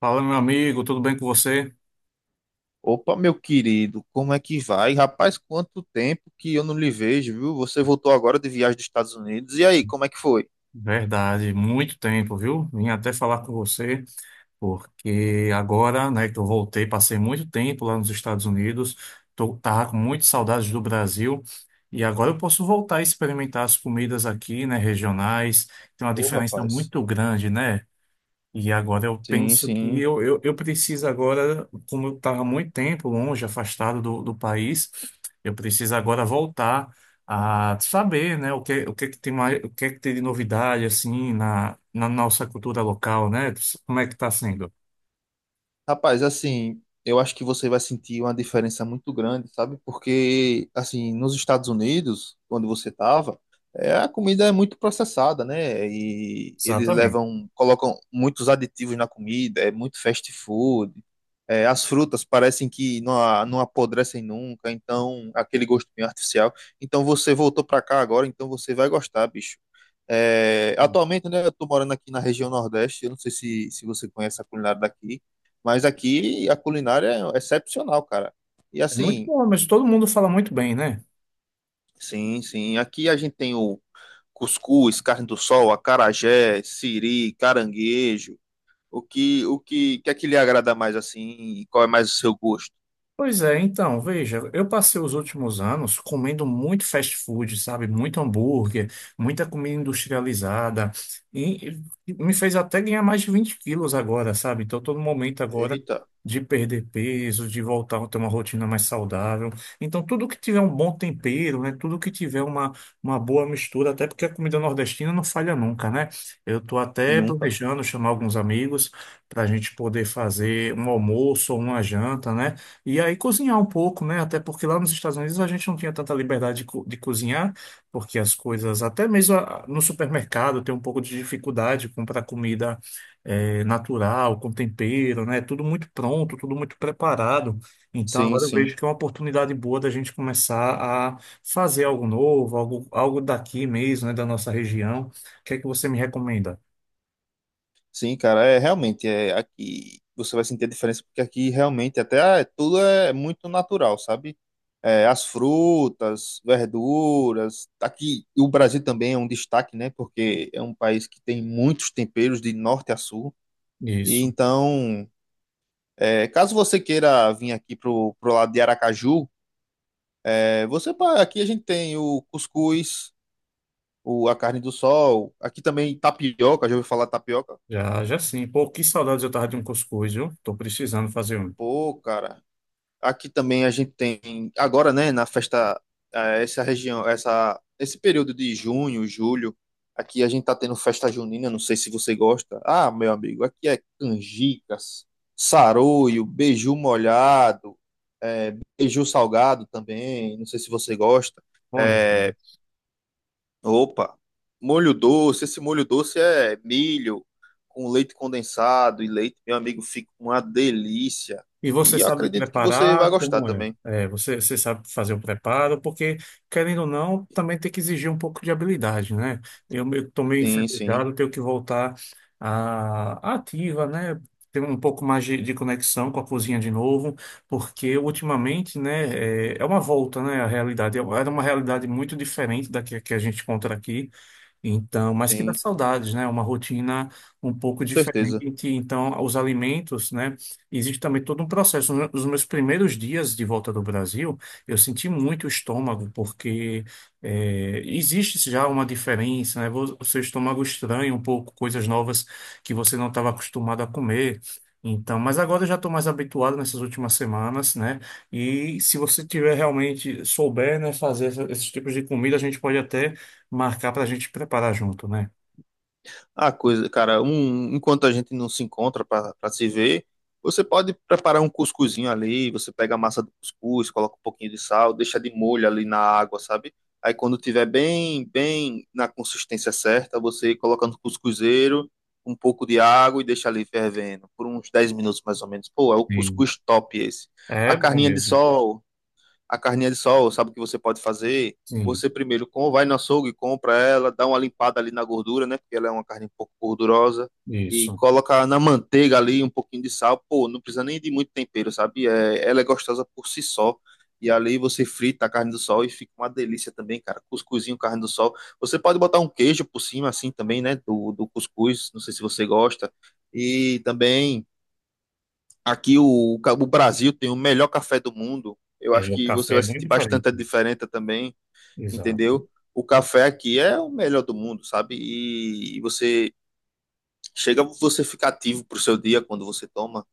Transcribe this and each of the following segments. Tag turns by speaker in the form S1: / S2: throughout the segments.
S1: Fala, meu amigo, tudo bem com você?
S2: Opa, meu querido, como é que vai? Rapaz, quanto tempo que eu não lhe vejo, viu? Você voltou agora de viagem dos Estados Unidos. E aí, como é que foi?
S1: Verdade, muito tempo, viu? Vim até falar com você, porque agora, né, que eu voltei, passei muito tempo lá nos Estados Unidos, tava com muitas saudades do Brasil, e agora eu posso voltar a experimentar as comidas aqui, né, regionais. Tem uma
S2: Ô,
S1: diferença
S2: rapaz.
S1: muito grande, né? E agora eu
S2: Sim,
S1: penso que
S2: sim.
S1: eu, eu, eu preciso agora, como eu estava muito tempo longe, afastado do país, eu preciso agora voltar a saber, né, o que que tem mais, o que é que tem de novidade, assim, na nossa cultura local, né? Como é que está sendo?
S2: Rapaz, assim, eu acho que você vai sentir uma diferença muito grande, sabe? Porque, assim, nos Estados Unidos, onde você estava, a comida é muito processada, né? E eles
S1: Exatamente.
S2: levam, colocam muitos aditivos na comida, é muito fast food. É, as frutas parecem que não, não apodrecem nunca, então, aquele gosto meio artificial. Então, você voltou para cá agora, então você vai gostar, bicho. É, atualmente, né, eu tô morando aqui na região Nordeste, eu não sei se, se você conhece a culinária daqui. Mas aqui a culinária é excepcional, cara. E
S1: É muito
S2: assim,
S1: bom, mas todo mundo fala muito bem, né?
S2: sim, sim. Aqui a gente tem o cuscuz, carne do sol, acarajé, siri, caranguejo. Que é que lhe agrada mais assim? E qual é mais o seu gosto?
S1: Pois é, então, veja, eu passei os últimos anos comendo muito fast food, sabe? Muito hambúrguer, muita comida industrializada, e e me fez até ganhar mais de 20 quilos agora, sabe? Então, estou no momento agora
S2: Eita,
S1: de perder peso, de voltar a ter uma rotina mais saudável. Então, tudo que tiver um bom tempero, né? Tudo que tiver uma boa mistura, até porque a comida nordestina não falha nunca, né? Eu estou até
S2: nunca.
S1: planejando chamar alguns amigos para a gente poder fazer um almoço ou uma janta, né? E aí cozinhar um pouco, né? Até porque lá nos Estados Unidos a gente não tinha tanta liberdade de, de cozinhar, porque as coisas, até mesmo no supermercado, tem um pouco de dificuldade de comprar comida natural, com tempero, né? Tudo muito pronto, tudo muito preparado. Então
S2: Sim,
S1: agora eu
S2: sim.
S1: vejo que é uma oportunidade boa da gente começar a fazer algo novo, algo daqui mesmo, né? Da nossa região. O que é que você me recomenda?
S2: Sim, cara, é realmente é aqui você vai sentir a diferença porque aqui realmente até é, tudo é muito natural, sabe? É, as frutas, verduras, aqui e o Brasil também é um destaque, né? Porque é um país que tem muitos temperos de norte a sul. E
S1: Isso,
S2: então, é, caso você queira vir aqui pro lado de Aracaju, é, aqui a gente tem o cuscuz, o, a carne do sol, aqui também tapioca, já ouviu falar tapioca?
S1: já sim. Pô, que saudades eu tava de um cuscuz, viu? Tô precisando fazer um.
S2: Pô, cara, aqui também a gente tem, agora, né, na festa, essa região, essa, esse período de junho, julho, aqui a gente tá tendo festa junina, não sei se você gosta. Ah, meu amigo, aqui é canjicas, saroio, beiju molhado, beiju salgado também, não sei se você gosta.
S1: Bom, gente.
S2: É, opa, molho doce, esse molho doce é milho com leite condensado e leite, meu amigo, fica uma delícia.
S1: E você
S2: E eu
S1: sabe
S2: acredito que você vai
S1: preparar?
S2: gostar
S1: Como é?
S2: também.
S1: É, você sabe fazer o preparo? Porque, querendo ou não, também tem que exigir um pouco de habilidade, né? Eu estou meio
S2: Sim, sim.
S1: enferrujado, tenho que voltar à ativa, né? Ter um pouco mais de conexão com a cozinha de novo, porque ultimamente, né, é uma volta, né, à realidade. É- Era uma realidade muito diferente da que a gente encontra aqui. Então, mas que dá
S2: Sim,
S1: saudades, né? Uma rotina um pouco
S2: com certeza.
S1: diferente. Então, os alimentos, né? Existe também todo um processo. Nos meus primeiros dias de volta do Brasil, eu senti muito o estômago, porque existe já uma diferença, né? O seu estômago estranha um pouco coisas novas que você não estava acostumado a comer. Então, mas agora eu já estou mais habituado nessas últimas semanas, né? E se você tiver realmente souber, né, fazer esses tipos de comida, a gente pode até marcar para a gente preparar junto, né?
S2: A coisa, cara, um, enquanto a gente não se encontra para se ver, você pode preparar um cuscuzinho ali, você pega a massa do cuscuz, coloca um pouquinho de sal, deixa de molho ali na água, sabe? Aí quando tiver bem na consistência certa, você coloca no cuscuzeiro um pouco de água e deixa ali fervendo por uns 10 minutos mais ou menos. Pô, é o
S1: Sim.
S2: cuscuz top esse. A
S1: É bom
S2: carninha de
S1: mesmo.
S2: sol a carninha de sol, sabe o que você pode fazer?
S1: Sim,
S2: Você primeiro com, vai no açougue, compra ela, dá uma limpada ali na gordura, né? Porque ela é uma carne um pouco gordurosa. E
S1: isso.
S2: coloca na manteiga ali um pouquinho de sal. Pô, não precisa nem de muito tempero, sabe? É, ela é gostosa por si só. E ali você frita a carne do sol e fica uma delícia também, cara. Cuscuzinho, carne do sol. Você pode botar um queijo por cima, assim também, né? Do cuscuz. Não sei se você gosta. E também aqui o Brasil tem o melhor café do mundo. Eu
S1: É,
S2: acho
S1: o
S2: que você
S1: café é
S2: vai
S1: bem
S2: sentir
S1: diferente.
S2: bastante a diferença também,
S1: Exato.
S2: entendeu? O café aqui é o melhor do mundo, sabe? E você chega, você fica ativo pro seu dia quando você toma.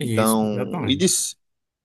S1: Isso,
S2: Então, e
S1: exatamente.
S2: diz,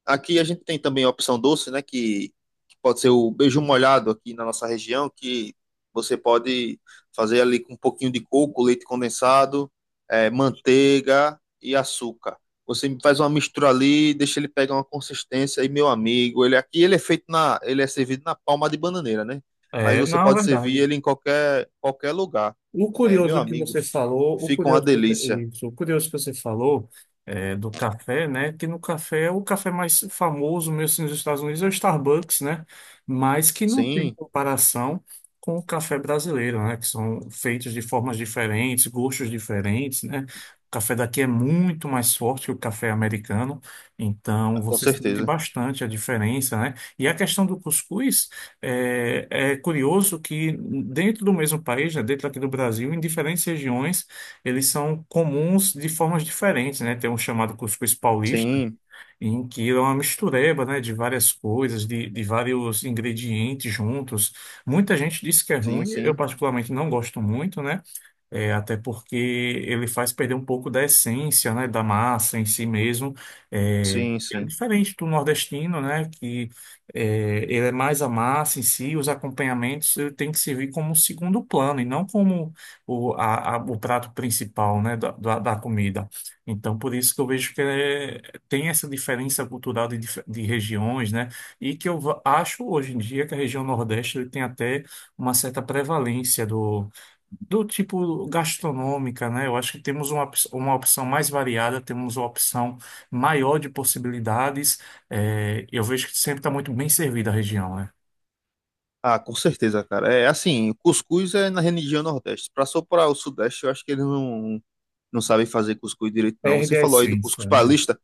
S2: aqui a gente tem também a opção doce, né? Que pode ser o beijo molhado aqui na nossa região, que você pode fazer ali com um pouquinho de coco, leite condensado, manteiga e açúcar. Você faz uma mistura ali, deixa ele pegar uma consistência e meu amigo, ele aqui ele é feito na, ele é servido na palma de bananeira, né? Mas
S1: É,
S2: você
S1: não,
S2: pode
S1: é
S2: servir
S1: verdade.
S2: ele em qualquer lugar.
S1: O
S2: É, meu
S1: curioso que
S2: amigo,
S1: você falou, o
S2: fica uma
S1: curioso que você,
S2: delícia.
S1: isso, O curioso que você falou é, do café, né? Que no café, é o café mais famoso mesmo assim, nos Estados Unidos é o Starbucks, né? Mas que não tem
S2: Sim,
S1: comparação com o café brasileiro, né? Que são feitos de formas diferentes, gostos diferentes, né? O café daqui é muito mais forte que o café americano, então
S2: com
S1: você sente
S2: certeza.
S1: bastante a diferença, né? E a questão do cuscuz. É, é curioso que dentro do mesmo país, né, dentro aqui do Brasil, em diferentes regiões, eles são comuns de formas diferentes, né? Tem um chamado cuscuz paulista,
S2: Sim,
S1: em que é uma mistureba, né, de várias coisas, de vários ingredientes juntos. Muita gente diz que é
S2: sim,
S1: ruim, eu
S2: sim,
S1: particularmente não gosto muito, né? É, até porque ele faz perder um pouco da essência, né, da massa em si mesmo. É,
S2: sim,
S1: é
S2: sim.
S1: diferente do nordestino, né, que é, ele é mais a massa em si, os acompanhamentos ele tem que servir como segundo plano e não como o prato principal, né, da comida. Então, por isso que eu vejo que tem essa diferença cultural de, de regiões, né, e que eu acho hoje em dia que a região nordeste ele tem até uma certa prevalência do tipo gastronômica, né? Eu acho que temos uma opção mais variada, temos uma opção maior de possibilidades. É, eu vejo que sempre está muito bem servida a região, né?
S2: Ah, com certeza, cara. É assim, o cuscuz é na região Nordeste. Pra só para o Sudeste, eu acho que eles não, não sabem fazer cuscuz direito, não. Você
S1: Perde a
S2: falou aí do cuscuz
S1: essência, né?
S2: paulista,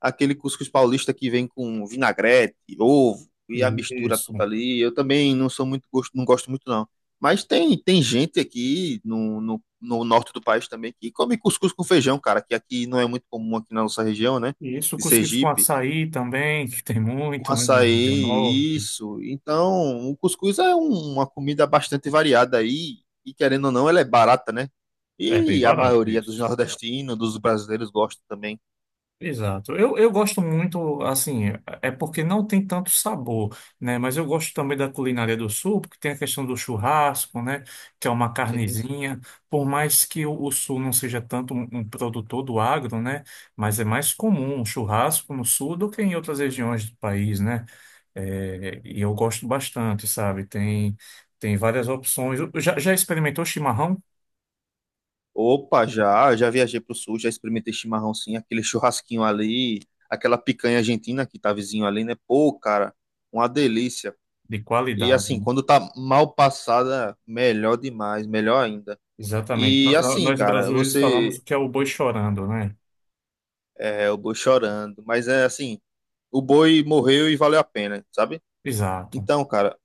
S2: aquele cuscuz paulista que vem com vinagrete, ovo e a mistura
S1: Isso.
S2: tudo ali. Eu também não sou muito gosto, não gosto muito, não. Mas tem gente aqui no norte do país também que come cuscuz com feijão, cara, que aqui não é muito comum aqui na nossa região, né?
S1: E isso,
S2: De
S1: cuscuz com
S2: Sergipe
S1: açaí também, que tem
S2: com
S1: muito, né? Na região
S2: açaí,
S1: norte.
S2: isso. Então, o cuscuz é um- uma comida bastante variada aí, e querendo ou não, ela é barata, né?
S1: É bem
S2: E a
S1: barato
S2: maioria dos
S1: isso.
S2: nordestinos, dos brasileiros gosta também.
S1: Exato. Eu gosto muito, assim, é porque não tem tanto sabor, né? Mas eu gosto também da culinária do sul, porque tem a questão do churrasco, né? Que é uma
S2: Sim, sim.
S1: carnezinha. Por mais que o sul não seja tanto um produtor do agro, né? Mas é mais comum um churrasco no sul do que em outras regiões do país, né? É, e eu gosto bastante, sabe? Tem várias opções. Já experimentou chimarrão?
S2: Opa, já, já viajei pro sul, já experimentei chimarrão sim, aquele churrasquinho ali, aquela picanha argentina que tá vizinho ali, né? Pô, cara, uma delícia.
S1: De
S2: E
S1: qualidade,
S2: assim,
S1: né?
S2: quando tá mal passada, melhor demais, melhor ainda.
S1: Exatamente.
S2: E
S1: No-
S2: assim,
S1: Nós
S2: cara,
S1: brasileiros falamos
S2: você
S1: que é o boi chorando, né?
S2: É, o boi chorando. Mas é assim, o boi morreu e valeu a pena, sabe?
S1: Exato.
S2: Então, cara,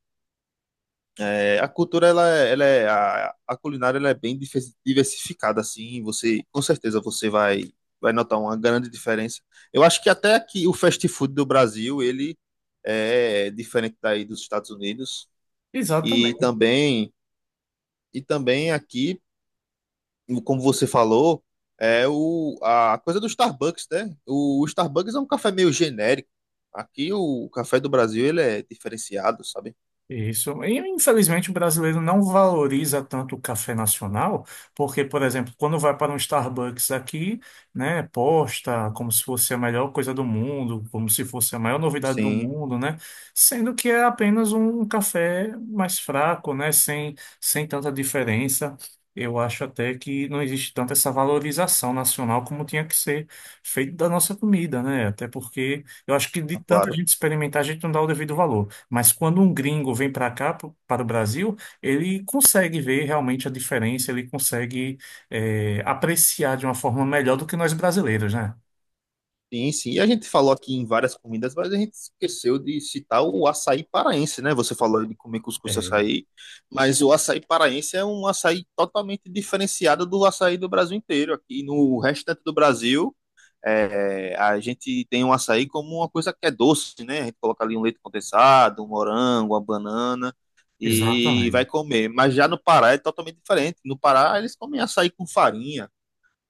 S2: é, a cultura, ela é, a culinária, ela é bem diversificada, assim, com certeza, vai notar uma grande diferença. Eu acho que até aqui o fast food do Brasil, ele é diferente daí dos Estados Unidos,
S1: Exato.
S2: e também, e também aqui como você falou, é a coisa do Starbucks, né? O Starbucks é um café meio genérico. Aqui o café do Brasil ele é diferenciado, sabe?
S1: Isso. E, infelizmente, o brasileiro não valoriza tanto o café nacional, porque, por exemplo, quando vai para um Starbucks aqui, né, posta como se fosse a melhor coisa do mundo, como se fosse a maior novidade do
S2: Sim.
S1: mundo, né, sendo que é apenas um café mais fraco, né, sem tanta diferença. Eu acho até que não existe tanta essa valorização nacional como tinha que ser feito da nossa comida, né? Até porque eu acho que de
S2: Ah,
S1: tanta
S2: claro.
S1: gente experimentar, a gente não dá o devido valor. Mas quando um gringo vem para cá, para o Brasil, ele consegue ver realmente a diferença, ele consegue apreciar de uma forma melhor do que nós brasileiros, né?
S2: Sim, sim. E a gente falou aqui em várias comidas, mas a gente esqueceu de citar o açaí paraense, né? Você falou de comer cuscuz e
S1: É,
S2: açaí, mas o açaí paraense é um açaí totalmente diferenciado do açaí do Brasil inteiro. Aqui no restante do Brasil, é, a gente tem o açaí como uma coisa que é doce, né? A gente coloca ali um leite condensado, um morango, uma banana e vai
S1: exatamente.
S2: comer. Mas já no Pará é totalmente diferente. No Pará eles comem açaí com farinha,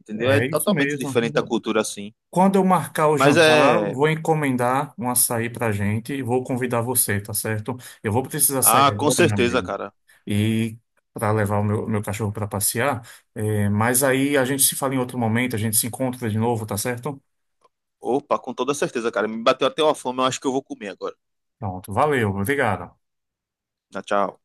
S2: entendeu? É
S1: É isso
S2: totalmente
S1: mesmo.
S2: diferente a cultura assim.
S1: Quando eu marcar o
S2: Mas
S1: jantar,
S2: é.
S1: vou encomendar um açaí para gente e vou convidar você, tá certo? Eu vou precisar sair
S2: Ah, com
S1: agora, meu
S2: certeza,
S1: amigo,
S2: cara.
S1: e para levar o meu cachorro para passear. Mas aí a gente se fala em outro momento, a gente se encontra de novo, tá certo?
S2: Opa, com toda certeza, cara. Me bateu até uma fome, eu acho que eu vou comer agora.
S1: Pronto, valeu, obrigado.
S2: Tchau, tchau.